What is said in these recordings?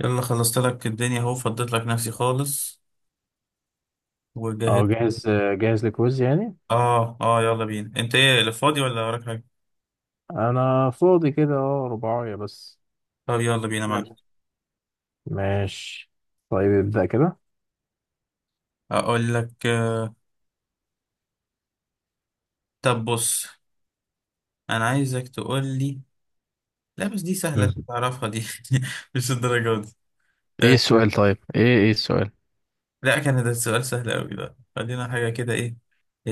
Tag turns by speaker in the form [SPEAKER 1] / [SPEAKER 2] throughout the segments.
[SPEAKER 1] يلا خلصت لك الدنيا اهو، فضيت لك نفسي خالص
[SPEAKER 2] اه
[SPEAKER 1] وجهزت.
[SPEAKER 2] جاهز. جاهز لكويز يعني.
[SPEAKER 1] اه، يلا بينا. انت ايه اللي فاضي ولا وراك حاجه؟
[SPEAKER 2] انا فاضي كده، اه، رباعية بس
[SPEAKER 1] طب يلا بينا
[SPEAKER 2] نلحق.
[SPEAKER 1] معاك.
[SPEAKER 2] ماشي، طيب ابدأ كده.
[SPEAKER 1] اقول لك طب بص، انا عايزك تقول لي. لا بس دي سهله،
[SPEAKER 2] مم.
[SPEAKER 1] انت تعرفها دي مش الدرجه دي.
[SPEAKER 2] ايه
[SPEAKER 1] آه،
[SPEAKER 2] السؤال؟ طيب ايه السؤال؟
[SPEAKER 1] لا كان ده السؤال سهل قوي، ده خلينا حاجه كده، ايه؟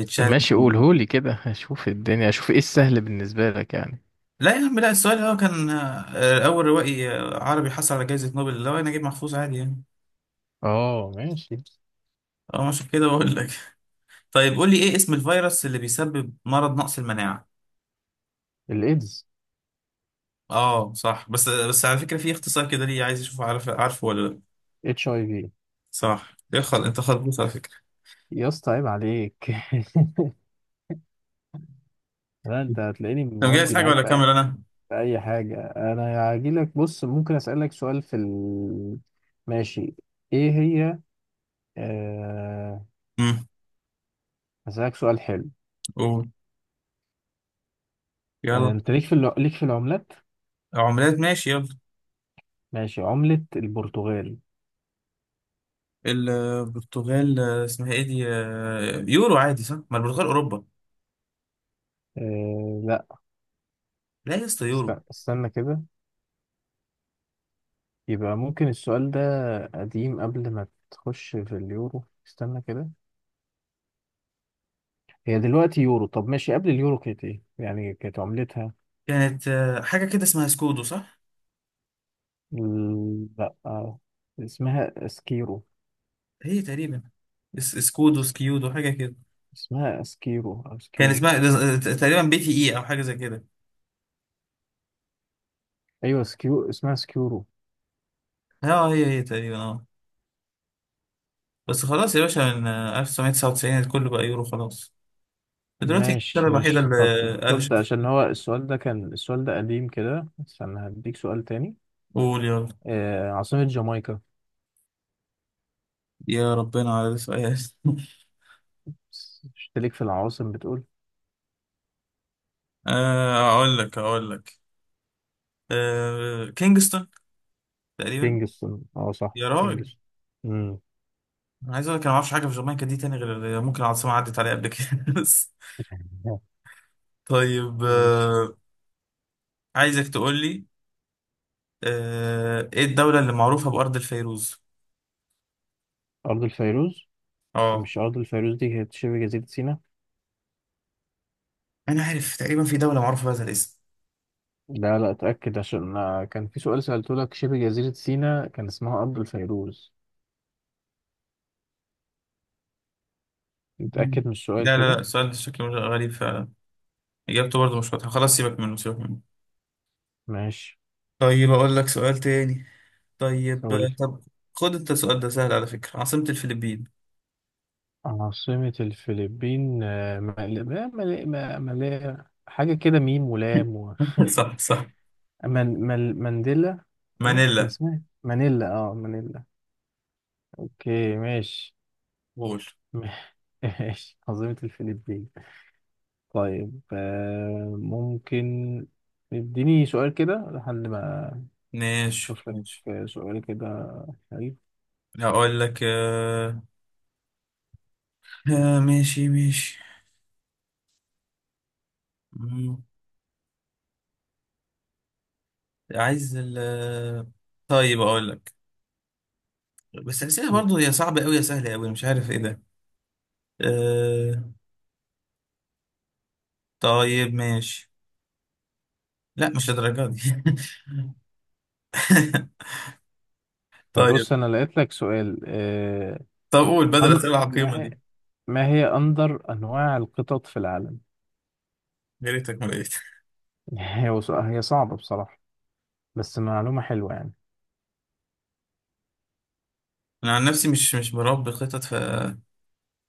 [SPEAKER 1] تشالنج
[SPEAKER 2] ماشي،
[SPEAKER 1] من
[SPEAKER 2] قولهولي
[SPEAKER 1] جديد.
[SPEAKER 2] كده اشوف الدنيا، اشوف ايه السهل بالنسبة لك يعني.
[SPEAKER 1] لا يا عم لا، السؤال هو كان اول روائي عربي حصل على جائزه نوبل. لو انا نجيب محفوظ عادي يعني.
[SPEAKER 2] اه ماشي.
[SPEAKER 1] اه، مش كده بقول لك. طيب قول لي، ايه اسم الفيروس اللي بيسبب مرض نقص المناعة؟
[SPEAKER 2] الايدز.
[SPEAKER 1] اه صح، بس على فكرة في اختصار كده، ليه؟ عايز اشوف، عارف عارفه ولا لا؟
[SPEAKER 2] اتش اي في.
[SPEAKER 1] صح، يخل انت خلبوص على فكرة.
[SPEAKER 2] يا اسطى عيب عليك. لا، انت هتلاقيني
[SPEAKER 1] انت مجهز
[SPEAKER 2] مودي
[SPEAKER 1] حاجة
[SPEAKER 2] معاك
[SPEAKER 1] ولا
[SPEAKER 2] في
[SPEAKER 1] اكمل انا؟
[SPEAKER 2] في اي حاجة. انا هجيلك، بص، ممكن اسألك سؤال ماشي. ايه هي؟ آه،
[SPEAKER 1] امم،
[SPEAKER 2] هسألك سؤال حلو.
[SPEAKER 1] قول يلا.
[SPEAKER 2] انت ليك في ليك في العملات؟
[SPEAKER 1] عملات، ماشي يلا.
[SPEAKER 2] ماشي، عملة البرتغال.
[SPEAKER 1] البرتغال، اسمها ايه دي؟ يورو عادي صح؟ ما البرتغال اوروبا.
[SPEAKER 2] أه لا،
[SPEAKER 1] لا يا اسطى يورو.
[SPEAKER 2] استنى كده. يبقى ممكن السؤال ده قديم، قبل ما تخش في اليورو. استنى كده، هي دلوقتي يورو، طب ماشي، قبل اليورو كانت ايه يعني؟ كانت عملتها
[SPEAKER 1] كانت حاجة كده اسمها سكودو، صح؟
[SPEAKER 2] لا، اسمها اسكيرو.
[SPEAKER 1] هي تقريبا سكودو
[SPEAKER 2] اس-
[SPEAKER 1] سكيودو، حاجة كده.
[SPEAKER 2] اسمها اسكيرو او
[SPEAKER 1] كان
[SPEAKER 2] سكيرو.
[SPEAKER 1] اسمها تقريبا بي تي اي او، حاجة زي كده.
[SPEAKER 2] ايوه سكيو، اسمها سكيورو.
[SPEAKER 1] اه هي تقريبا، اه. بس خلاص يا باشا، من 1999 الكل بقى يورو، خلاص. دلوقتي انجلترا
[SPEAKER 2] ماشي
[SPEAKER 1] الوحيدة
[SPEAKER 2] ماشي. طب
[SPEAKER 1] اللي
[SPEAKER 2] خد
[SPEAKER 1] قلشت.
[SPEAKER 2] ده، عشان هو السؤال ده كان، السؤال ده قديم كده، استنى هديك سؤال تاني.
[SPEAKER 1] قول يلا.
[SPEAKER 2] عاصمة جامايكا.
[SPEAKER 1] يا ربنا على سؤال
[SPEAKER 2] اشتريك في العواصم بتقول.
[SPEAKER 1] اقول لك كينجستون تقريبا.
[SPEAKER 2] كينجستون، اه صح
[SPEAKER 1] يا راجل،
[SPEAKER 2] كينجستون. امم.
[SPEAKER 1] انا عايز اقول لك، انا ما اعرفش حاجه في جامايكا دي تاني، غير اللي ممكن العاصمه عدت عليها قبل كده بس. طيب
[SPEAKER 2] ماشي.
[SPEAKER 1] عايزك تقول لي، ايه الدوله اللي معروفه بارض الفيروز؟
[SPEAKER 2] أرض الفيروز؟ إيه،
[SPEAKER 1] اه،
[SPEAKER 2] مش أرض الفيروز دي كانت شبه جزيرة سيناء؟
[SPEAKER 1] انا عارف تقريبا في دوله معروفه بهذا الاسم.
[SPEAKER 2] لا لا، اتأكد، عشان كان في سؤال سألته لك، شبه جزيرة سيناء كان اسمها أرض الفيروز.
[SPEAKER 1] مم.
[SPEAKER 2] اتأكد من السؤال
[SPEAKER 1] لا لا لا،
[SPEAKER 2] كده.
[SPEAKER 1] السؤال ده شكله غريب فعلا، إجابته برضه مش واضحة، خلاص سيبك منه سيبك منه.
[SPEAKER 2] ماشي.
[SPEAKER 1] طيب أقول لك سؤال تاني. طيب
[SPEAKER 2] قول لي.
[SPEAKER 1] طب خد أنت، السؤال ده سهل على فكرة، عاصمة الفلبين.
[SPEAKER 2] عاصمة الفلبين، مال... ما- مال... ما- مال... حاجة كده، ميم ولام
[SPEAKER 1] صح صح،
[SPEAKER 2] مانديلا. ايه كان
[SPEAKER 1] مانيلا.
[SPEAKER 2] اسمها إيه؟ مانيلا، اه مانيلا. اوكي ماشي.
[SPEAKER 1] قول
[SPEAKER 2] ماشي، عاصمة الفلبين. طيب ممكن اديني سؤال كده لحد ما
[SPEAKER 1] ماشي
[SPEAKER 2] اشوف لك
[SPEAKER 1] ماشي.
[SPEAKER 2] سؤال كده حلو.
[SPEAKER 1] هقول لك آه... آه ماشي ماشي. مم. عايز ال طيب أقول لك. بس الأسئلة برضه، يا صعبة أوي يا سهلة أوي، مش عارف إيه ده. آه... طيب ماشي. لا مش للدرجة دي
[SPEAKER 2] طب بص،
[SPEAKER 1] طيب،
[SPEAKER 2] انا لقيت لك سؤال.
[SPEAKER 1] طب قول بدل الأسئلة العقيمة
[SPEAKER 2] ما هي،
[SPEAKER 1] دي.
[SPEAKER 2] ما هي اندر انواع القطط في العالم؟
[SPEAKER 1] يا ريتك ما لقيت.
[SPEAKER 2] هي صعبة بصراحة، بس معلومة حلوة يعني.
[SPEAKER 1] انا عن نفسي مش بربي خطط. في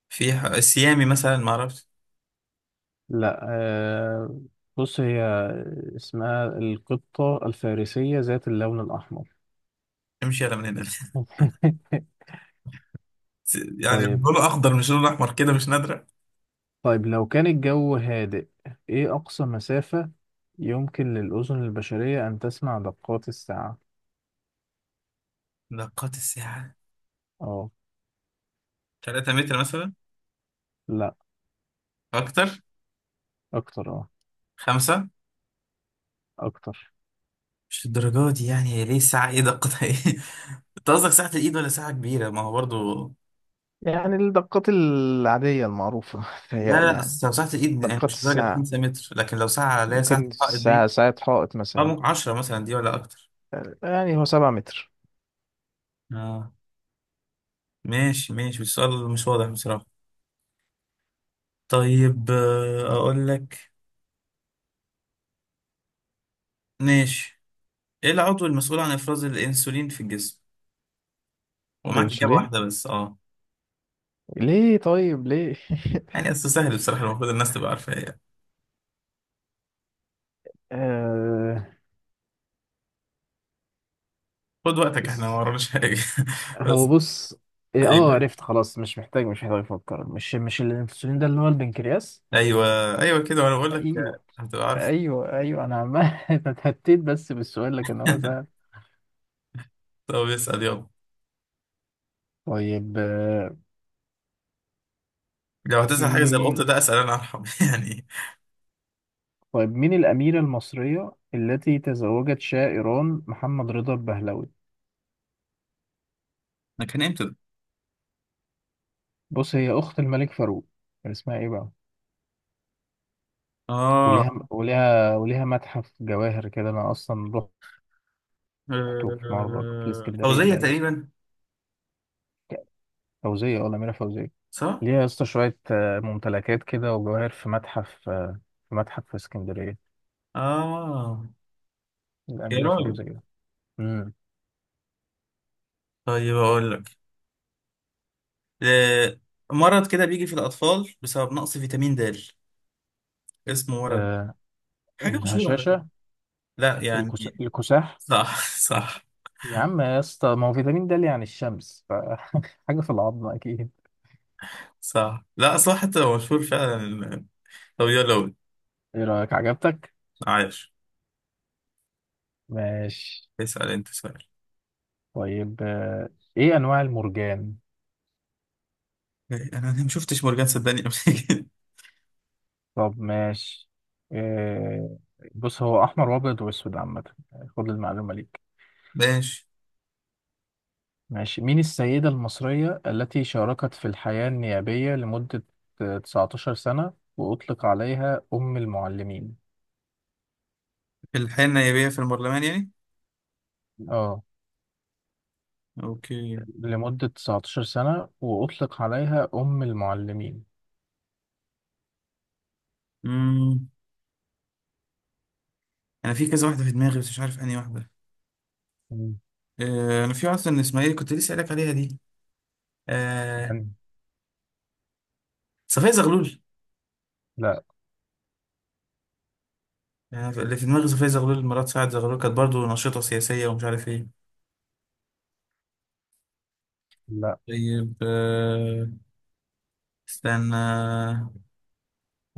[SPEAKER 1] فيها السيامي مثلا، ما اعرفش.
[SPEAKER 2] لا، بص هي اسمها القطة الفارسية ذات اللون الأحمر.
[SPEAKER 1] امشي على من هنا. يعني
[SPEAKER 2] طيب.
[SPEAKER 1] لونه اخضر مش لونه احمر كده مش نادره؟
[SPEAKER 2] طيب، لو كان الجو هادئ، إيه أقصى مسافة يمكن للأذن البشرية أن تسمع دقات الساعة؟
[SPEAKER 1] نقاط الساعه،
[SPEAKER 2] أه.
[SPEAKER 1] 3 متر مثلا؟
[SPEAKER 2] لأ،
[SPEAKER 1] اكتر؟
[SPEAKER 2] أكتر. أه،
[SPEAKER 1] خمسة؟
[SPEAKER 2] أكتر.
[SPEAKER 1] مش الدرجات دي يعني، هي ليه الساعه، ايه دقتها، ايه؟ انت قصدك ساعه الايد ولا ساعه كبيره؟ ما هو برضو
[SPEAKER 2] يعني الدقات العادية المعروفة،
[SPEAKER 1] لا
[SPEAKER 2] تهيألي
[SPEAKER 1] لا،
[SPEAKER 2] يعني.
[SPEAKER 1] أصل لو ساعه الايد يعني
[SPEAKER 2] دقات
[SPEAKER 1] مش درجه
[SPEAKER 2] الساعة
[SPEAKER 1] 5 متر، لكن لو ساعه، لا ساعه
[SPEAKER 2] ممكن في
[SPEAKER 1] الحائط دي،
[SPEAKER 2] الساعة، ساعة حائط
[SPEAKER 1] اه
[SPEAKER 2] مثلا.
[SPEAKER 1] ممكن 10 مثلا دي ولا اكتر.
[SPEAKER 2] يعني هو سبعة متر.
[SPEAKER 1] اه، ماشي ماشي، السؤال مش واضح بصراحه. طيب اقول لك، ماشي. ايه العضو المسؤول عن افراز الانسولين في الجسم؟ ومعاك اجابه
[SPEAKER 2] الأنسولين؟
[SPEAKER 1] واحده بس، اه.
[SPEAKER 2] ليه طيب ليه؟
[SPEAKER 1] يعني اصل سهل بصراحه، المفروض الناس تبقى عارفه، ايه.
[SPEAKER 2] آه...
[SPEAKER 1] خد وقتك، احنا ما
[SPEAKER 2] اس-
[SPEAKER 1] وراناش حاجه
[SPEAKER 2] هو
[SPEAKER 1] بس.
[SPEAKER 2] بص، إيه، أه
[SPEAKER 1] ايوه،
[SPEAKER 2] عرفت خلاص، مش محتاج، مش محتاج أفكر، مش مش الأنسولين ده اللي هو البنكرياس؟
[SPEAKER 1] ايوه ايوه كده، وانا بقول لك
[SPEAKER 2] ايوه
[SPEAKER 1] هتبقى عارف.
[SPEAKER 2] ايوه، ايوه انا عمال اتهتيت بس بالسؤال، لكن هو سهل.
[SPEAKER 1] طب اسال يلا.
[SPEAKER 2] طيب
[SPEAKER 1] لو هتسال حاجه زي القط
[SPEAKER 2] مم،
[SPEAKER 1] ده، اسال انا ارحم يعني.
[SPEAKER 2] طيب مين الأميرة المصرية التي تزوجت شاه إيران محمد رضا البهلوي؟
[SPEAKER 1] ده كان امتى ده؟
[SPEAKER 2] بص، هي أخت الملك فاروق. كان اسمها إيه بقى؟
[SPEAKER 1] اه،
[SPEAKER 2] وليها وليها متحف جواهر كده، أنا أصلا رحته في مرة في الإسكندرية
[SPEAKER 1] فوزيه
[SPEAKER 2] باين.
[SPEAKER 1] تقريبا.
[SPEAKER 2] فوزية، ولا أميرة فوزية؟
[SPEAKER 1] صح،
[SPEAKER 2] ليها يا اسطى شوية ممتلكات كده وجواهر في متحف، في متحف في اسكندرية.
[SPEAKER 1] اه. يا
[SPEAKER 2] الأميرة
[SPEAKER 1] راجل.
[SPEAKER 2] فوزية.
[SPEAKER 1] طيب اقول لك، آه، مرض كده بيجي في الاطفال بسبب نقص فيتامين د، اسمه مرض
[SPEAKER 2] امم.
[SPEAKER 1] حاجة مشهورة على فكرة.
[SPEAKER 2] الهشاشة.
[SPEAKER 1] لا يعني.
[SPEAKER 2] الكساح.
[SPEAKER 1] صح صح.
[SPEAKER 2] يا عم يا اسطى، ما هو فيتامين د اللي يعني الشمس حاجة في العظم أكيد.
[SPEAKER 1] صح لا صح، حتى لو مشهور فعلا. لو يلا قول.
[SPEAKER 2] إيه رأيك، عجبتك؟
[SPEAKER 1] عايش.
[SPEAKER 2] ماشي.
[SPEAKER 1] اسأل انت سؤال.
[SPEAKER 2] طيب إيه أنواع المرجان؟
[SPEAKER 1] إيه، انا أنا ما شفتش مورجان صدقني قبل كده.
[SPEAKER 2] طب ماشي. آه، بص هو أحمر وأبيض وأسود عامة. خد المعلومة ليك.
[SPEAKER 1] ماشي.
[SPEAKER 2] ماشي، مين السيدة المصرية التي شاركت في الحياة النيابية لمدة 19 سنة وأطلق عليها أم المعلمين؟
[SPEAKER 1] في الحياة النيابية، في البرلمان يعني؟
[SPEAKER 2] اه،
[SPEAKER 1] اوكي.
[SPEAKER 2] لمدة 19 سنة وأطلق عليها أم المعلمين.
[SPEAKER 1] امم، انا في كذا واحدة في دماغي، بس مش عارف انهي واحدة.
[SPEAKER 2] مم.
[SPEAKER 1] انا في واحدة من اسماعيل كنت لسه قايل لك عليها دي، آه،
[SPEAKER 2] يعني.
[SPEAKER 1] صفية زغلول.
[SPEAKER 2] لا
[SPEAKER 1] أنا اللي في دماغي صفية زغلول مرات سعد زغلول، كانت برضه نشيطة سياسية ومش عارف ايه.
[SPEAKER 2] لا،
[SPEAKER 1] طيب استنى.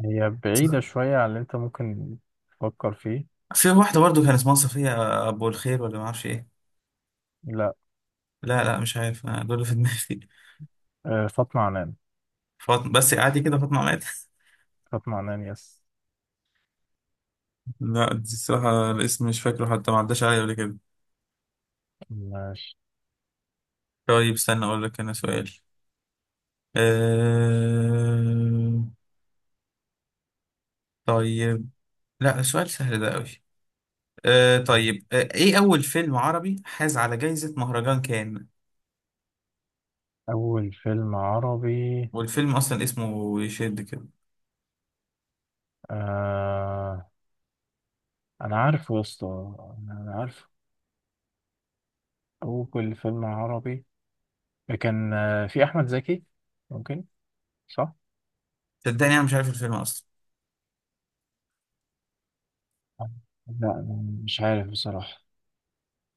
[SPEAKER 2] هي بعيدة شوية عن اللي أنت ممكن تفكر فيه.
[SPEAKER 1] في واحدة برضو كان اسمها صفية أبو الخير ولا معرفش إيه.
[SPEAKER 2] لا،
[SPEAKER 1] لا لا، مش عارف أنا، دول اللي في دماغي.
[SPEAKER 2] فاطمة عنان.
[SPEAKER 1] فاطمة، بس عادي كده فاطمة مات
[SPEAKER 2] فاطمة عنان، يس.
[SPEAKER 1] لا دي الصراحة الاسم مش فاكره، حتى ما عداش عليا قبل كده.
[SPEAKER 2] ماشي.
[SPEAKER 1] طيب استنى أقول لك أنا سؤال. أه... طيب. لا سؤال سهل ده أوي. أه
[SPEAKER 2] مم.
[SPEAKER 1] طيب، أه إيه أول فيلم عربي حاز على جايزة مهرجان كان؟
[SPEAKER 2] أول فيلم عربي؟
[SPEAKER 1] والفيلم أصلا اسمه يشد كده.
[SPEAKER 2] آه، أنا عارفه يا اسطى، أنا عارفه. أول فيلم عربي كان في أحمد زكي، ممكن، صح؟
[SPEAKER 1] صدقني أنا مش عارف الفيلم أصلا
[SPEAKER 2] لا أنا مش عارف بصراحة،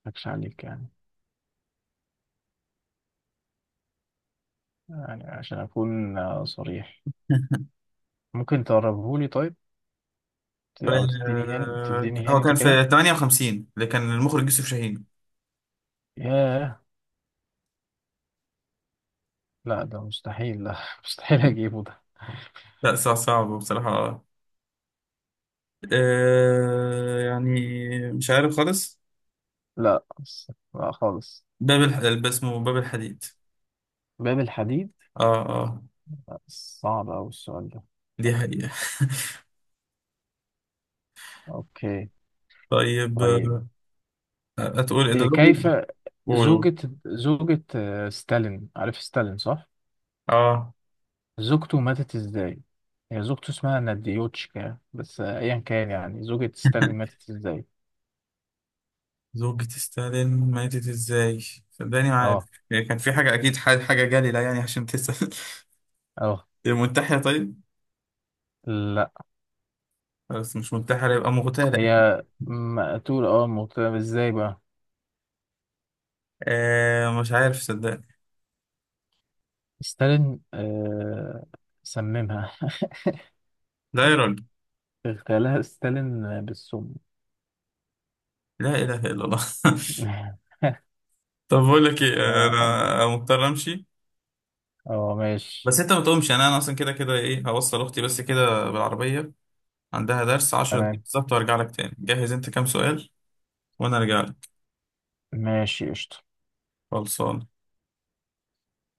[SPEAKER 2] مضحكش عليك يعني، يعني عشان أكون صريح. ممكن تقربهولي؟ طيب، أو تديني هنت،
[SPEAKER 1] أه...
[SPEAKER 2] تديني
[SPEAKER 1] هو
[SPEAKER 2] هنت
[SPEAKER 1] كان
[SPEAKER 2] كده.
[SPEAKER 1] في 58، اللي كان المخرج يوسف شاهين.
[SPEAKER 2] ياه، لا ده مستحيل، لا مستحيل أجيبه ده.
[SPEAKER 1] لا صعب صعب بصراحة، آه يعني، مش عارف خالص.
[SPEAKER 2] لا خالص.
[SPEAKER 1] اسمه باب الحديد.
[SPEAKER 2] باب الحديد.
[SPEAKER 1] اه اه.
[SPEAKER 2] صعب أوي السؤال ده.
[SPEAKER 1] دي حقيقة.
[SPEAKER 2] أوكي.
[SPEAKER 1] طيب
[SPEAKER 2] طيب
[SPEAKER 1] هتقول إيه ده؟
[SPEAKER 2] كيف
[SPEAKER 1] قول. قول.
[SPEAKER 2] زوجة زوجة ستالين، عارف ستالين صح؟
[SPEAKER 1] اه.
[SPEAKER 2] زوجته ماتت إزاي؟ هي زوجته اسمها ناديوتشكا، بس أيا كان، يعني زوجة ستالين ماتت إزاي؟
[SPEAKER 1] زوجة ستالين ماتت ازاي؟ صدقني ما عارف.
[SPEAKER 2] أه
[SPEAKER 1] يعني كان في حاجة أكيد، حاجة جليلة يعني عشان تسأل
[SPEAKER 2] أه.
[SPEAKER 1] منتحرة طيب؟
[SPEAKER 2] لا،
[SPEAKER 1] بس مش منتحرة، يبقى مغتالة.
[SPEAKER 2] هي مقتول، اه مقتولة ازاي بقى؟
[SPEAKER 1] آه مش عارف صدقني.
[SPEAKER 2] ستالين، آه سممها.
[SPEAKER 1] لا يا راجل.
[SPEAKER 2] اغتالها ستالين بالسم.
[SPEAKER 1] لا إله إلا الله طب بقول لك إيه،
[SPEAKER 2] اه.
[SPEAKER 1] أنا مضطر أمشي.
[SPEAKER 2] ماشي.
[SPEAKER 1] بس انت ما تقومش يعني، انا اصلا كده كده، ايه، هوصل اختي بس كده بالعربيه، عندها درس. 10 دقايق
[SPEAKER 2] تمام.
[SPEAKER 1] بالظبط وارجع لك تاني. جهز انت كام سؤال وانا ارجع لك.
[SPEAKER 2] ماشي قشطة.
[SPEAKER 1] خلصان.